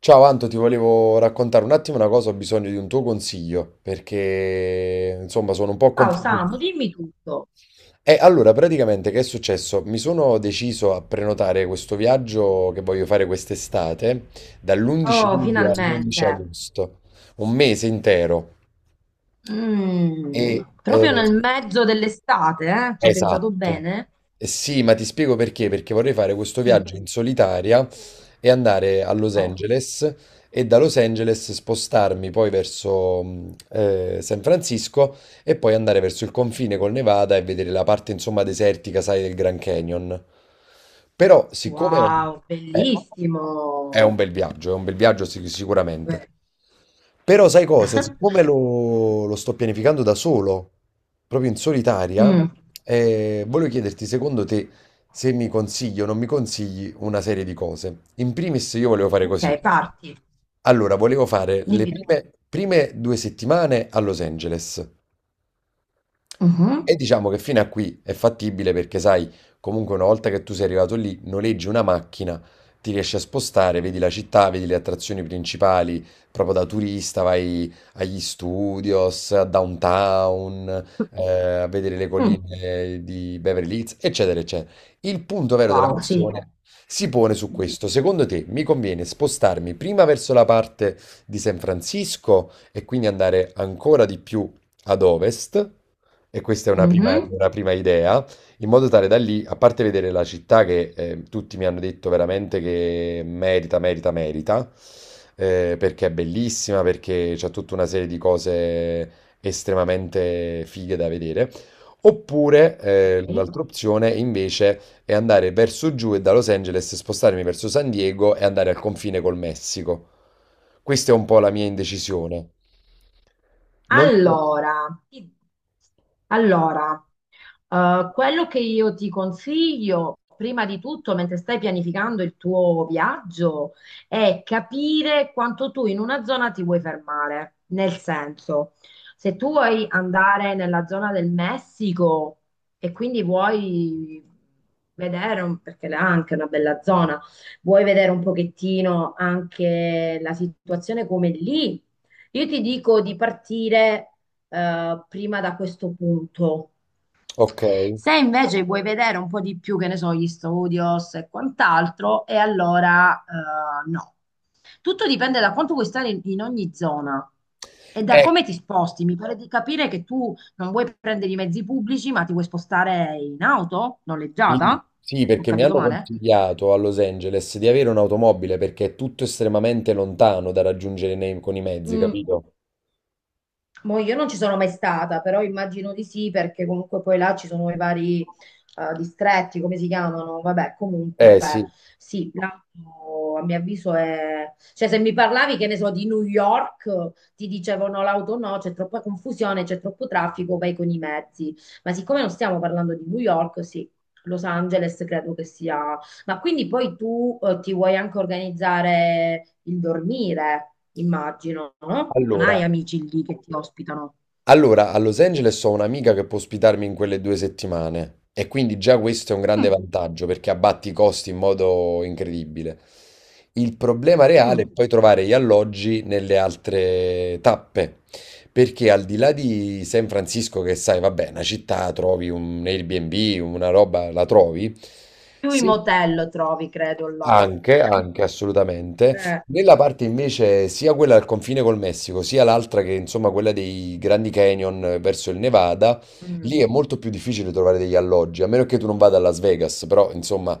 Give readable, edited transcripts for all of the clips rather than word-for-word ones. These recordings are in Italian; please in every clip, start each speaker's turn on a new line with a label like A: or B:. A: Ciao Anto, ti volevo raccontare un attimo una cosa, ho bisogno di un tuo consiglio perché insomma sono un po'
B: Ciao
A: confuso.
B: Samu, dimmi tutto.
A: E allora, praticamente che è successo? Mi sono deciso a prenotare questo viaggio che voglio fare quest'estate dall'11
B: Oh,
A: luglio all'11
B: finalmente.
A: agosto, un mese intero. E,
B: Mm,
A: eh,
B: proprio nel mezzo dell'estate, eh? Ci hai pensato
A: Esatto.
B: bene?
A: Sì, ma ti spiego perché, perché vorrei fare questo
B: Mm.
A: viaggio in solitaria e andare a Los
B: Oh,
A: Angeles e da Los Angeles spostarmi poi verso San Francisco e poi andare verso il confine col Nevada e vedere la parte insomma desertica, sai, del Grand Canyon. Però siccome
B: wow,
A: è,
B: bellissimo.
A: è un bel viaggio, è un bel viaggio sicuramente.
B: Eh.
A: Però sai cosa? Siccome lo sto pianificando da solo, proprio in solitaria,
B: Mm.
A: volevo chiederti, secondo te, se mi consigli o non mi consigli una serie di cose. In primis io volevo fare così.
B: Ok, parti.
A: Allora, volevo fare le
B: Dimmi tu.
A: prime due settimane a Los Angeles,
B: Mhm.
A: e diciamo che fino a qui è fattibile perché sai, comunque una volta che tu sei arrivato lì, noleggi una macchina, ti riesci a spostare, vedi la città, vedi le attrazioni principali, proprio da turista vai agli studios, a downtown, eh, a vedere le
B: Mm.
A: colline di Beverly Hills, eccetera, eccetera. Il punto vero della
B: Wow, sì.
A: questione si pone su questo. Secondo te mi conviene spostarmi prima verso la parte di San Francisco e quindi andare ancora di più ad ovest? E questa è una
B: Mhm,
A: una prima idea, in modo tale da lì, a parte vedere la città che tutti mi hanno detto veramente che merita, merita, merita, perché è bellissima, perché c'è tutta una serie di cose estremamente fighe da vedere. Oppure
B: ok.
A: l'altra opzione invece è andare verso giù e da Los Angeles spostarmi verso San Diego e andare al confine col Messico. Questa è un po' la mia indecisione. Non so.
B: Allora, ti- allora, quello che io ti consiglio, prima di tutto, mentre stai pianificando il tuo viaggio, è capire quanto tu in una zona ti vuoi fermare. Nel senso, se tu vuoi andare nella zona del Messico e quindi vuoi perché là è anche una bella zona, vuoi vedere un pochettino anche la situazione come lì, io ti dico di partire prima da questo punto.
A: Ok.
B: Se invece vuoi vedere un po' di più, che ne so, gli studios e quant'altro, e allora no. Tutto dipende da quanto vuoi stare in ogni zona e da
A: Ecco,
B: come ti sposti. Mi pare di capire che tu non vuoi prendere i mezzi pubblici, ma ti vuoi spostare in auto
A: sì,
B: noleggiata?
A: sì,
B: Ho
A: perché mi
B: capito
A: hanno
B: male?
A: consigliato a Los Angeles di avere un'automobile perché è tutto estremamente lontano da raggiungere con i mezzi,
B: Mm,
A: capito?
B: boh, io non ci sono mai stata, però immagino di sì, perché comunque poi là ci sono i vari distretti, come si chiamano? Vabbè, comunque.
A: Eh sì,
B: Sì, l'auto a mio avviso è. Cioè, se mi parlavi, che ne so, di New York, ti dicevano l'auto no, c'è troppa confusione, c'è troppo traffico, vai con i mezzi. Ma siccome non stiamo parlando di New York, sì, Los Angeles credo che sia. Ma quindi poi tu ti vuoi anche organizzare il dormire, immagino, no? Non
A: allora.
B: hai amici lì che ti ospitano.
A: Allora, a Los Angeles ho un'amica che può ospitarmi in quelle due settimane e quindi già questo è un grande
B: Mm.
A: vantaggio perché abbatti i costi in modo incredibile. Il problema reale è
B: Mm.
A: poi trovare gli alloggi nelle altre tappe, perché al di là di San Francisco, che sai, vabbè, una città, trovi un Airbnb, una roba, la trovi.
B: Più i
A: Sì.
B: motel trovi, credo, là.
A: Anche, anche assolutamente.
B: Eh.
A: Nella parte invece sia quella al confine col Messico, sia l'altra che insomma quella dei Grandi Canyon verso il Nevada,
B: Mm.
A: lì è molto più difficile trovare degli alloggi, a meno che tu non vada a Las Vegas, però insomma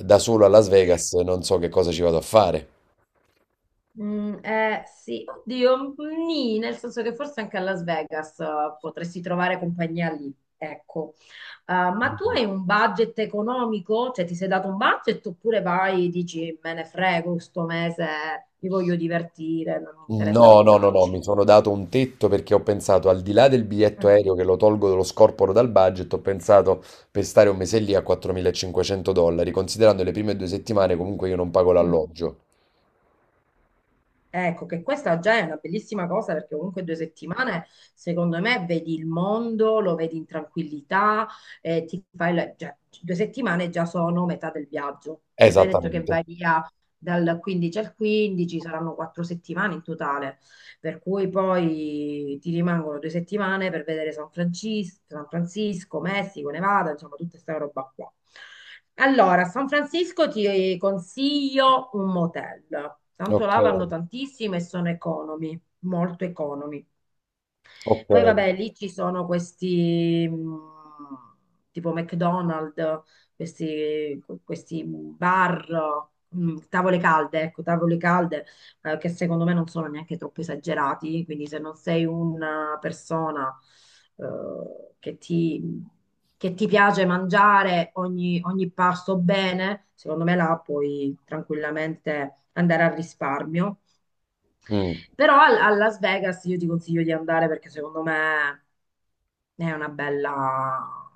A: da solo a Las Vegas non so che cosa ci vado a fare.
B: Mm, sì, oddio, mm, nì, nel senso che forse anche a Las Vegas potresti trovare compagnia lì, ecco. Ma tu hai un budget economico? Cioè ti sei dato un budget oppure vai e dici me ne frego, sto mese mi voglio divertire, non mi interessa
A: No, no, no, no,
B: pensarci.
A: mi sono dato un tetto perché ho pensato al di là del biglietto
B: Mm.
A: aereo che lo tolgo, lo scorporo dal budget, ho pensato per stare un mese lì a 4.500 dollari, considerando le prime due settimane comunque io non pago
B: Mm.
A: l'alloggio.
B: Ecco, che questa già è una bellissima cosa perché comunque 2 settimane, secondo me, vedi il mondo, lo vedi in tranquillità, ti fai la- già- 2 settimane già sono metà del viaggio, perché tu hai detto che
A: Esattamente.
B: vai via dal 15 al 15, saranno 4 settimane in totale per cui poi ti rimangono 2 settimane per vedere San Francisco, San Francisco, Messico, Nevada, insomma, tutta questa roba qua. Allora, a San Francisco ti consiglio un motel, tanto
A: Ok.
B: là vanno tantissime e sono economi, molto economi.
A: Ok.
B: Poi vabbè, lì ci sono questi tipo McDonald's, questi bar, tavole calde, ecco, tavole calde che secondo me non sono neanche troppo esagerati, quindi se non sei una persona eh, che ti, che ti piace mangiare ogni pasto bene, secondo me là puoi tranquillamente andare al risparmio.
A: Mm.
B: Però a Las Vegas io ti consiglio di andare perché secondo me è una bella,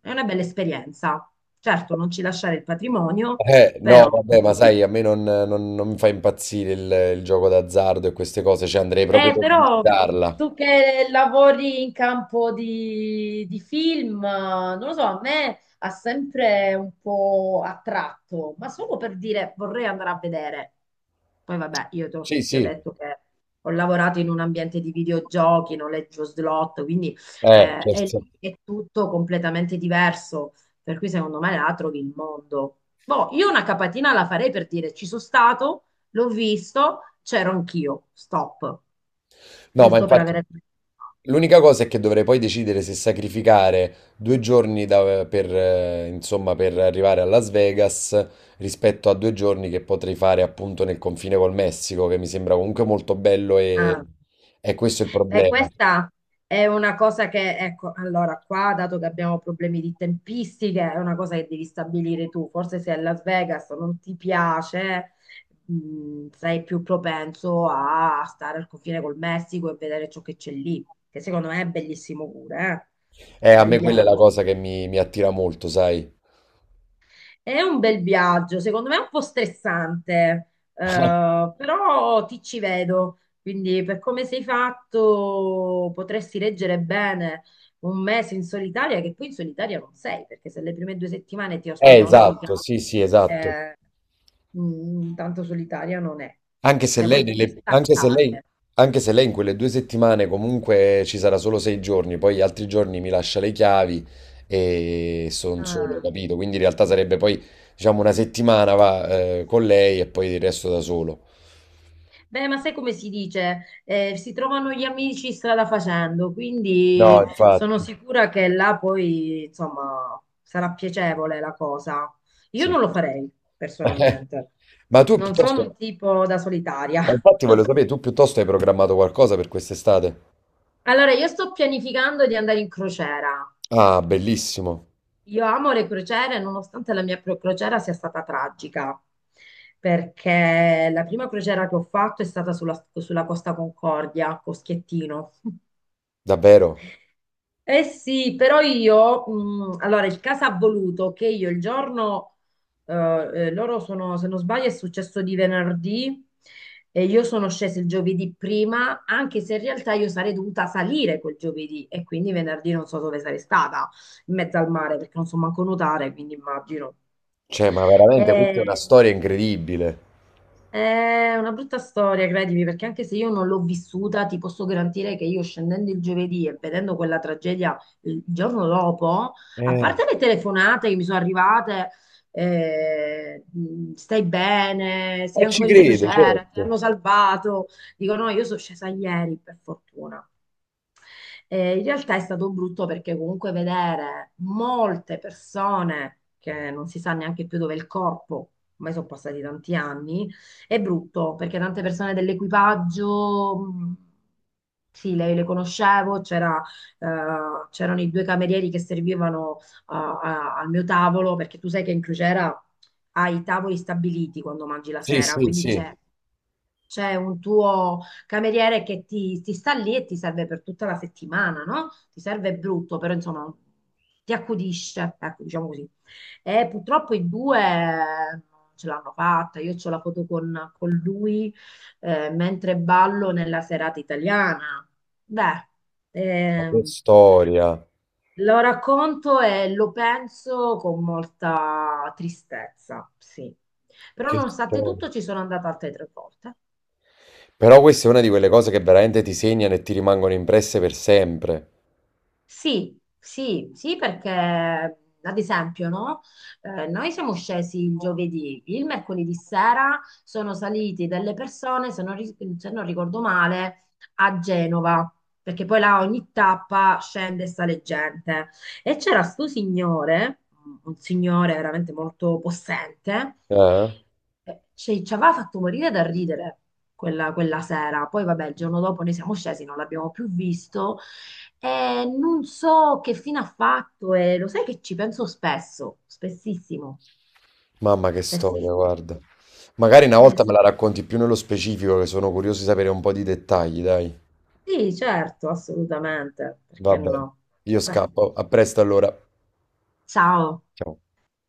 B: è una bella esperienza. Certo, non ci lasciare il patrimonio,
A: No,
B: però.
A: vabbè, ma sai, a me non mi fa impazzire il gioco d'azzardo e queste cose, cioè andrei proprio per
B: Però
A: visitarla.
B: tu che lavori in campo di film, non lo so, a me ha sempre un po' attratto, ma solo per dire vorrei andare a vedere. Poi vabbè,
A: Sì,
B: ti ho
A: sì,
B: detto che ho lavorato in un ambiente di videogiochi, noleggio slot, quindi è
A: certo.
B: lì è tutto completamente diverso, per cui secondo me la trovi il mondo. Boh, io una capatina la farei per dire ci sono stato, l'ho visto, c'ero anch'io, stop
A: No, ma
B: giusto per
A: infatti
B: avere.
A: l'unica cosa è che dovrei poi decidere se sacrificare due giorni per, insomma, per arrivare a Las Vegas rispetto a due giorni che potrei fare appunto nel confine col Messico, che mi sembra comunque molto bello
B: Ah,
A: e questo è il
B: beh,
A: problema.
B: questa è una cosa che, ecco, allora qua, dato che abbiamo problemi di tempistiche, è una cosa che devi stabilire tu. Forse se a Las Vegas non ti piace, sei più propenso a stare al confine col Messico e vedere ciò che c'è lì, che secondo me è bellissimo pure, eh? Un
A: A
B: bel
A: me quella è la
B: viaggio.
A: cosa che mi attira molto, sai.
B: È un bel viaggio, secondo me è un po' stressante,
A: Eh,
B: però ti ci vedo, quindi per come sei fatto potresti reggere bene 1 mese in solitaria, che poi in solitaria non sei, perché se le prime 2 settimane ti ospita un'amica,
A: esatto, sì, sì, esatto.
B: eh, mm, tanto solitaria non è.
A: Anche se
B: Cioè
A: lei,
B: vuoi proprio
A: nelle-
B: staccare.
A: anche se lei in quelle due settimane comunque ci sarà solo 6 giorni, poi gli altri giorni mi lascia le chiavi e sono solo,
B: Ah.
A: capito? Quindi in realtà sarebbe poi, diciamo, una settimana va, con lei e poi il resto da solo.
B: Beh, ma sai come si dice? Si trovano gli amici strada facendo,
A: No,
B: quindi sono
A: infatti,
B: sicura che là poi, insomma, sarà piacevole la cosa. Io
A: sì.
B: non lo farei personalmente.
A: Ma tu
B: Non sono
A: piuttosto,
B: un tipo da solitaria.
A: infatti voglio sapere, tu piuttosto hai programmato qualcosa per quest'estate?
B: Allora, io sto pianificando di andare in crociera.
A: Ah, bellissimo,
B: Io amo le crociere, nonostante la mia pro- crociera sia stata tragica, perché la prima crociera che ho fatto è stata sulla Costa Concordia, Coschiettino.
A: davvero.
B: Eh sì, però io, allora il caso ha voluto che io il giorno, loro sono, se non sbaglio, è successo di venerdì e io sono scesa il giovedì prima, anche se in realtà io sarei dovuta salire quel giovedì e quindi venerdì non so dove sarei stata, in mezzo al mare, perché non so manco nuotare, quindi immagino.
A: Cioè, ma veramente questa è
B: Eh,
A: una storia incredibile.
B: è una brutta storia, credimi, perché anche se io non l'ho vissuta, ti posso garantire che io scendendo il giovedì e vedendo quella tragedia il giorno dopo, a
A: Eh,
B: parte le telefonate che mi sono arrivate, stai bene, sei
A: ci
B: ancora in
A: credo,
B: crociera, ti
A: certo.
B: hanno salvato, dico no, io sono scesa ieri, per fortuna. In realtà è stato brutto perché comunque vedere molte persone che non si sa neanche più dove è il corpo, ormai sono passati tanti anni è brutto perché tante persone dell'equipaggio, sì, le conoscevo, c'era, c'erano i due camerieri che servivano al mio tavolo, perché tu sai che in crociera hai i tavoli stabiliti quando mangi la
A: Sì,
B: sera,
A: sì,
B: quindi
A: sì.
B: c'è un tuo cameriere che ti sta lì e ti serve per tutta la settimana, no? Ti serve brutto, però insomma ti accudisce, ecco, diciamo così. E purtroppo in due non ce l'hanno fatta. Io ho la foto con lui mentre ballo nella serata italiana. Beh,
A: Ma che
B: ehm,
A: storia,
B: lo racconto e lo penso con molta tristezza, sì. Però
A: che
B: nonostante
A: storia.
B: tutto ci sono andata altre 3 volte.
A: Però questa è una di quelle cose che veramente ti segnano e ti rimangono impresse per sempre.
B: Sì, sì, sì, perché ad esempio, no? Noi siamo scesi il giovedì, il mercoledì sera sono saliti delle persone, se non ricordo male, a Genova, perché poi là ogni tappa scende e sale gente. E c'era sto signore, un signore veramente molto possente,
A: Eh?
B: ci aveva fatto morire da ridere quella sera. Poi vabbè, il giorno dopo noi siamo scesi, non l'abbiamo più visto. Non so che fine ha fatto e lo sai che ci penso spesso, spessissimo,
A: Mamma che storia,
B: spessissimo.
A: guarda. Magari una volta
B: Sì,
A: me la racconti più nello specifico, che sono curioso di sapere un po' di dettagli, dai.
B: sì, certo, assolutamente,
A: Va
B: perché
A: bene.
B: no?
A: Io
B: Beh,
A: scappo. A presto allora.
B: ciao.
A: Ciao.